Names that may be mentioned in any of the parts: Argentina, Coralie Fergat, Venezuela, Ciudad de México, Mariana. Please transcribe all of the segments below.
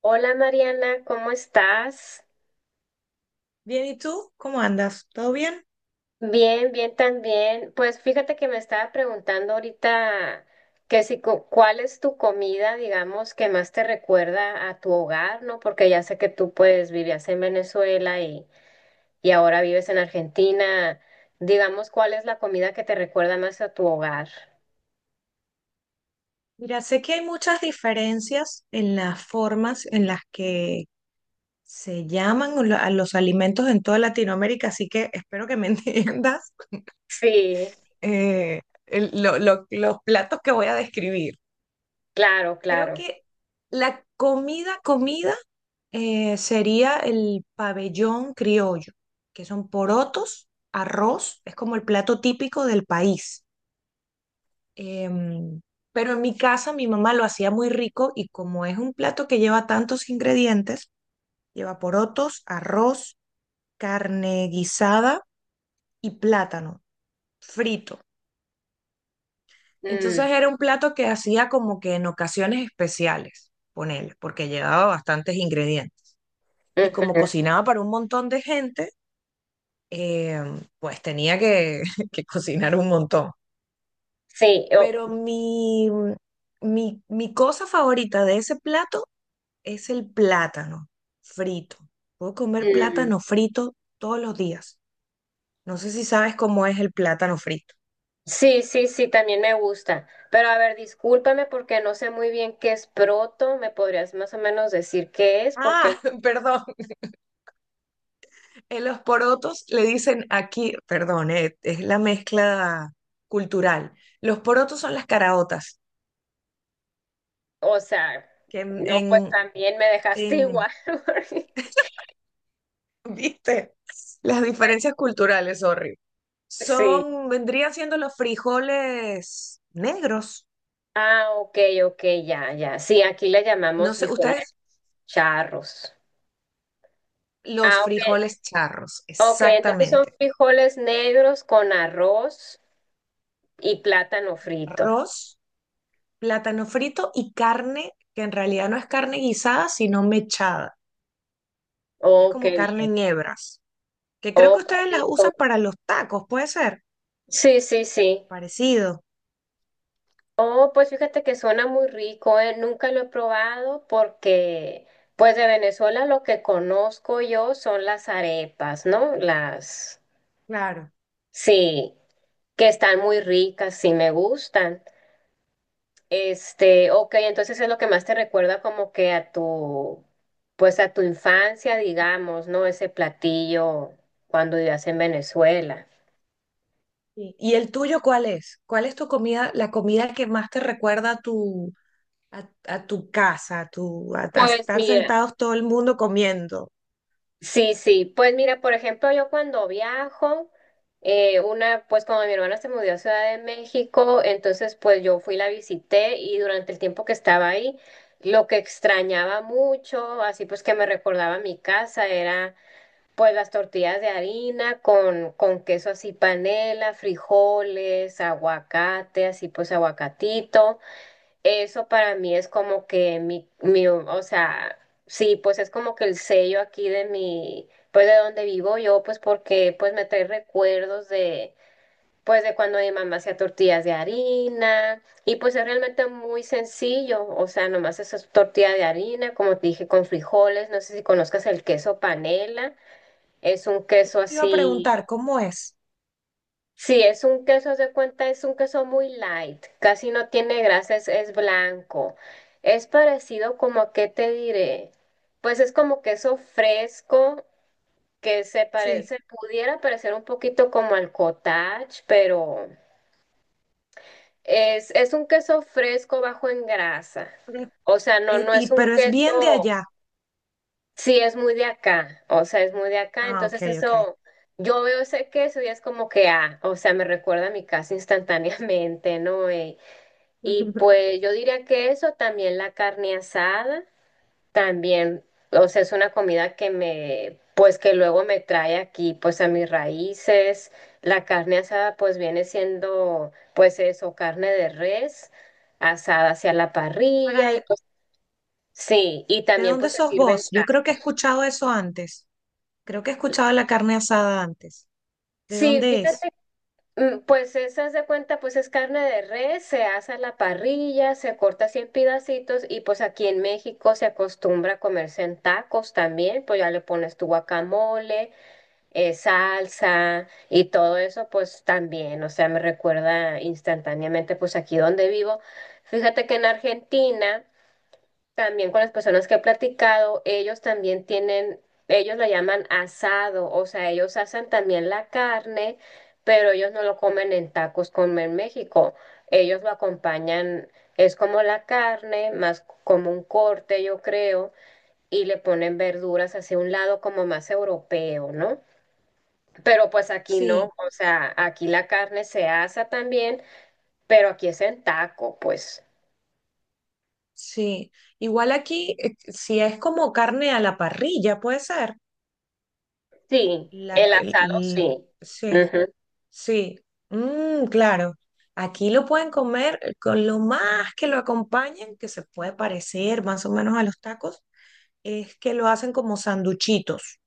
Hola Mariana, ¿cómo estás? Bien, ¿y tú? ¿Cómo andas? ¿Todo bien? Bien, bien también. Pues fíjate que me estaba preguntando ahorita que si cuál es tu comida, digamos, que más te recuerda a tu hogar, ¿no? Porque ya sé que tú pues vivías en Venezuela y ahora vives en Argentina. Digamos, ¿cuál es la comida que te recuerda más a tu hogar? Mira, sé que hay muchas diferencias en las formas en las que se llaman a los alimentos en toda Latinoamérica, así que espero que me entiendas Sí, eh, los platos que voy a describir. claro, Creo claro. que la comida, comida, sería el pabellón criollo, que son porotos, arroz, es como el plato típico del país. Em, pero en mi casa mi mamá lo hacía muy rico, y como es un plato que lleva tantos ingredientes, lleva porotos, arroz, carne guisada y plátano frito. Entonces Mm, era un plato que hacía como que en ocasiones especiales, ponele, porque llevaba bastantes ingredientes. Y como ujú. cocinaba para un montón de gente, pues tenía que cocinar un montón. Sí, Pero mi cosa favorita de ese plato es el plátano frito. Puedo comer mm. plátano frito todos los días. No sé si sabes cómo es el plátano frito. Sí, sí, sí, también me gusta. Pero a ver, discúlpame porque no sé muy bien qué es proto. ¿Me podrías más o menos decir qué es? Porque, Ah, perdón. En los porotos le dicen aquí, perdón, es la mezcla cultural. Los porotos son las caraotas, o sea, que no, pues también me dejaste en- igual. porque- ¿viste? Las diferencias culturales, sorry. Sí. Son, vendrían siendo los frijoles negros. Ah, ok, ok, ya, ya. Sí, aquí le No llamamos sé, frijoles ustedes, charros. los Ah, ok. frijoles charros, Ok, entonces son exactamente. frijoles negros con arroz y plátano frito. Arroz, plátano frito y carne, que en realidad no es carne guisada, sino mechada. Es Oh, qué como carne bien. en hebras, que creo Oh, que ustedes qué las rico. usan para los tacos, ¿puede ser? Sí, sí, sí. Parecido. Oh, pues fíjate que suena muy rico, ¿eh? Nunca lo he probado. Pues de Venezuela lo que conozco yo son las arepas, ¿no? Las, Claro. sí, que están muy ricas, sí me gustan. Este, ok, entonces es lo que más te recuerda como que a tu, pues a tu infancia, digamos, ¿no? Ese platillo cuando vivías en Venezuela. Sí. ¿Y el tuyo cuál es? ¿Cuál es tu comida, la comida que más te recuerda a a tu casa, a Pues estar mira. sentados todo el mundo comiendo? Sí, sí, pues mira, por ejemplo, yo cuando viajo, una, pues cuando mi hermana se mudó a Ciudad de México, entonces pues yo fui, la visité y durante el tiempo que estaba ahí, lo que extrañaba mucho, así pues que me recordaba mi casa, era pues las tortillas de harina con queso así panela, frijoles, aguacate, así pues aguacatito. Eso para mí es como que mi, o sea, sí, pues es como que el sello aquí de mi, pues de donde vivo yo, pues porque pues me trae recuerdos de, pues de cuando mi mamá hacía tortillas de harina y pues es realmente muy sencillo, o sea, nomás eso es tortilla de harina, como te dije, con frijoles, no sé si conozcas el queso panela, es un Eso queso te iba a así. preguntar, ¿cómo es? Sí, es un queso, se cuenta, es un queso muy light, casi no tiene grasa, es blanco. Es parecido como a qué te diré. Pues es como queso fresco que se Sí. parece, pudiera parecer un poquito como al cottage, pero es un queso fresco bajo en grasa. Pero- O sea, no es un pero es bien de queso. allá. Sí, es muy de acá, o sea, es muy de acá, Ah, ok, entonces ok. eso, yo veo ese queso y es como que, ah, o sea, me recuerda a mi casa instantáneamente, ¿no? Y pues yo diría que eso, también la carne asada, también, o sea, es una comida que me, pues que luego me trae aquí, pues a mis raíces, la carne asada pues viene siendo, pues eso, carne de res, asada hacia la parrilla y Para, pues sí, y ¿de también dónde pues se sos sirven... vos? Yo creo que he escuchado eso antes. Creo que he escuchado la carne asada antes. ¿De Sí, dónde es? fíjate. Mm, pues esa se cuenta, pues es carne de res, se asa a la parrilla, se corta así en pedacitos y pues aquí en México se acostumbra a comerse en tacos también, pues ya le pones tu guacamole, salsa y todo eso pues también, o sea, me recuerda instantáneamente pues aquí donde vivo. Fíjate que en Argentina... También con las personas que he platicado, ellos también tienen, ellos lo llaman asado, o sea, ellos hacen también la carne, pero ellos no lo comen en tacos como en México. Ellos lo acompañan, es como la carne, más como un corte, yo creo, y le ponen verduras hacia un lado como más europeo, ¿no? Pero pues aquí no, Sí, o sea, aquí la carne se asa también, pero aquí es en taco, pues. sí. Igual aquí, si es como carne a la parrilla, puede ser. Sí, La, el el- asado el- sí. sí, Ujú. sí. Mm, claro. Aquí lo pueden comer con lo más que lo acompañen, que se puede parecer más o menos a los tacos, es que lo hacen como sanduchitos.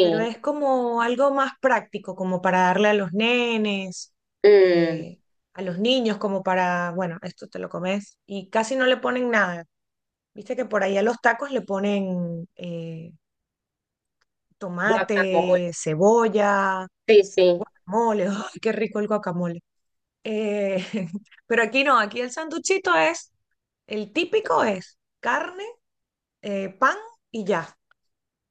Pero es como algo más práctico, como para darle a los nenes, mm, eh, a los niños, como para, bueno, esto te lo comes. Y casi no le ponen nada. Viste que por ahí a los tacos le ponen guacamole, tomate, cebolla, sí, sí, mole. ¡Ay, qué rico el guacamole! Eh, pero aquí no, aquí el sanduchito es, el típico es carne, pan y ya.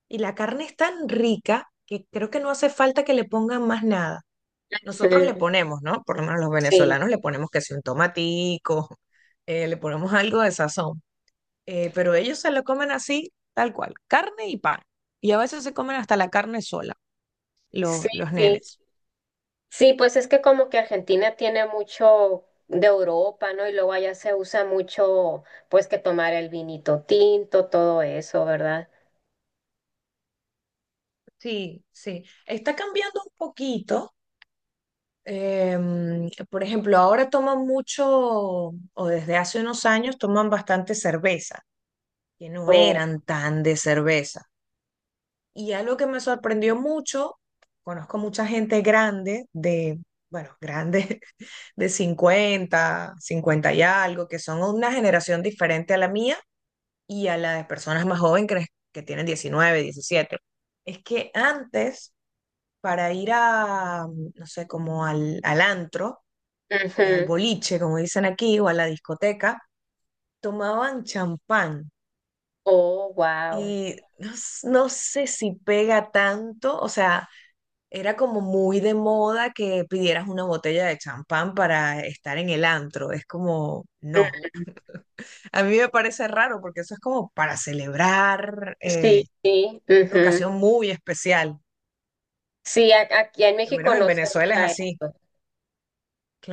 Y la carne es tan rica que creo que no hace falta que le pongan más nada. Nosotros le ujú, ponemos, ¿no? Por lo menos los sí, venezolanos le ponemos que si un tomatico, le ponemos algo de sazón. Pero ellos se lo comen así, tal cual, carne y pan. Y a veces se comen hasta la carne sola, sí, los sí. nenes. Sí, pues es que como que Argentina tiene mucho de Europa, ¿no? Y luego allá se usa mucho, pues que tomar el vinito tinto, todo eso, ¿verdad? Sí, sí. Está cambiando un poquito. Em, por ejemplo, ahora toman mucho, o desde hace unos años toman bastante cerveza, que no O eran tan de cerveza. Y algo que me sorprendió mucho, conozco mucha gente grande de, bueno, grande, de 50, 50 y algo, que son una generación diferente a la mía y a la de personas más jóvenes que tienen 19, 17. Es que antes, para ir a, no sé, como al, al antro, al ujú, boliche, como dicen aquí, o a la discoteca, tomaban champán. oh, wow. Y no sé si pega tanto, o sea, era como muy de moda que pidieras una botella de champán para estar en el antro. Es como, no. A mí me parece raro porque eso es como para celebrar Sí, sí, una ujú. ocasión muy especial. Sí, aquí en Al México menos en no se Venezuela es usa así. eso.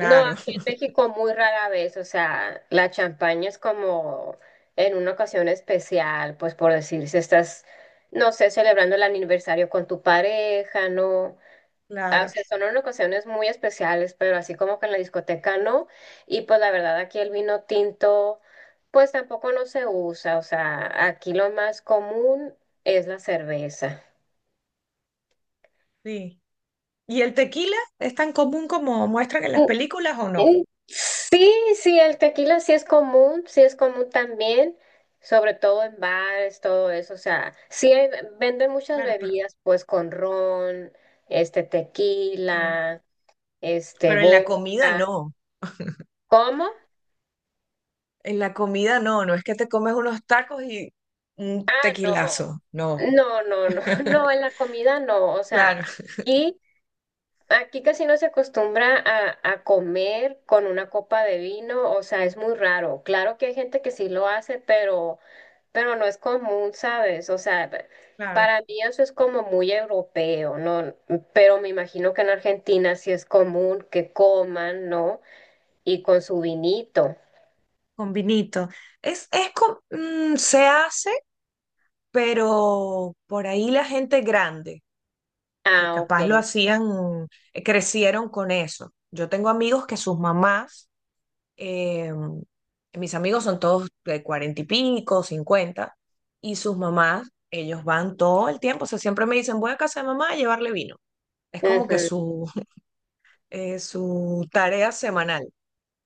No, aquí en México muy rara vez, o sea, la champaña es como en una ocasión especial, pues por decir, si estás, no sé, celebrando el aniversario con tu pareja, ¿no? Ah, o claro. sea, son en ocasiones muy especiales, pero así como que en la discoteca no. Y pues la verdad aquí el vino tinto, pues tampoco no se usa, o sea, aquí lo más común es la cerveza. Sí. ¿Y el tequila es tan común como muestran en las películas o no? Sí, sí, el tequila sí es común también, sobre todo en bares, todo eso, o sea, sí venden muchas Claro, pero, bebidas, pues con ron, este mm, tequila, este pero en la comida vodka. no. ¿Cómo? En la comida no. No es que te comes unos tacos y un Ah, no, tequilazo. No. no, no, no, no, en la comida no, o sea, Claro. aquí aquí casi no se acostumbra a comer con una copa de vino, o sea, es muy raro. Claro que hay gente que sí lo hace, pero no es común, ¿sabes? O sea, Claro. para mí eso es como muy europeo, ¿no? Pero me imagino que en Argentina sí es común que coman, ¿no? Y con su vinito. Con vinito. Es, se hace, pero por ahí la gente grande, que Ah, capaz lo ok. hacían, crecieron con eso. Yo tengo amigos que sus mamás, eh, mis amigos son todos de 40 y pico, 50, y sus mamás, ellos van todo el tiempo, o sea, siempre me dicen, voy a casa de mamá a llevarle vino. Es como que Ujú. su, su tarea semanal,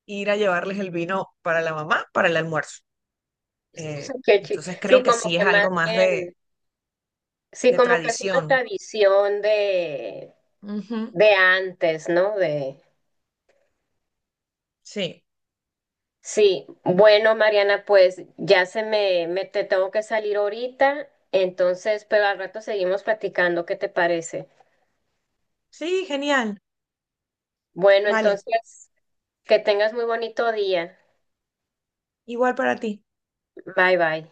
ir a llevarles el vino para la mamá, para el almuerzo. Eh, Qué entonces creo Sí, que como sí que es más algo más bien, sí, de como que es una tradición. tradición Ujú, de antes, ¿no? De... sí, Sí, bueno, Mariana, pues ya se me, me te tengo que salir ahorita, entonces, pero al rato seguimos platicando, ¿qué te parece? sí, genial. Bueno, Vale, entonces, que tengas muy bonito día. igual para ti. Bye bye.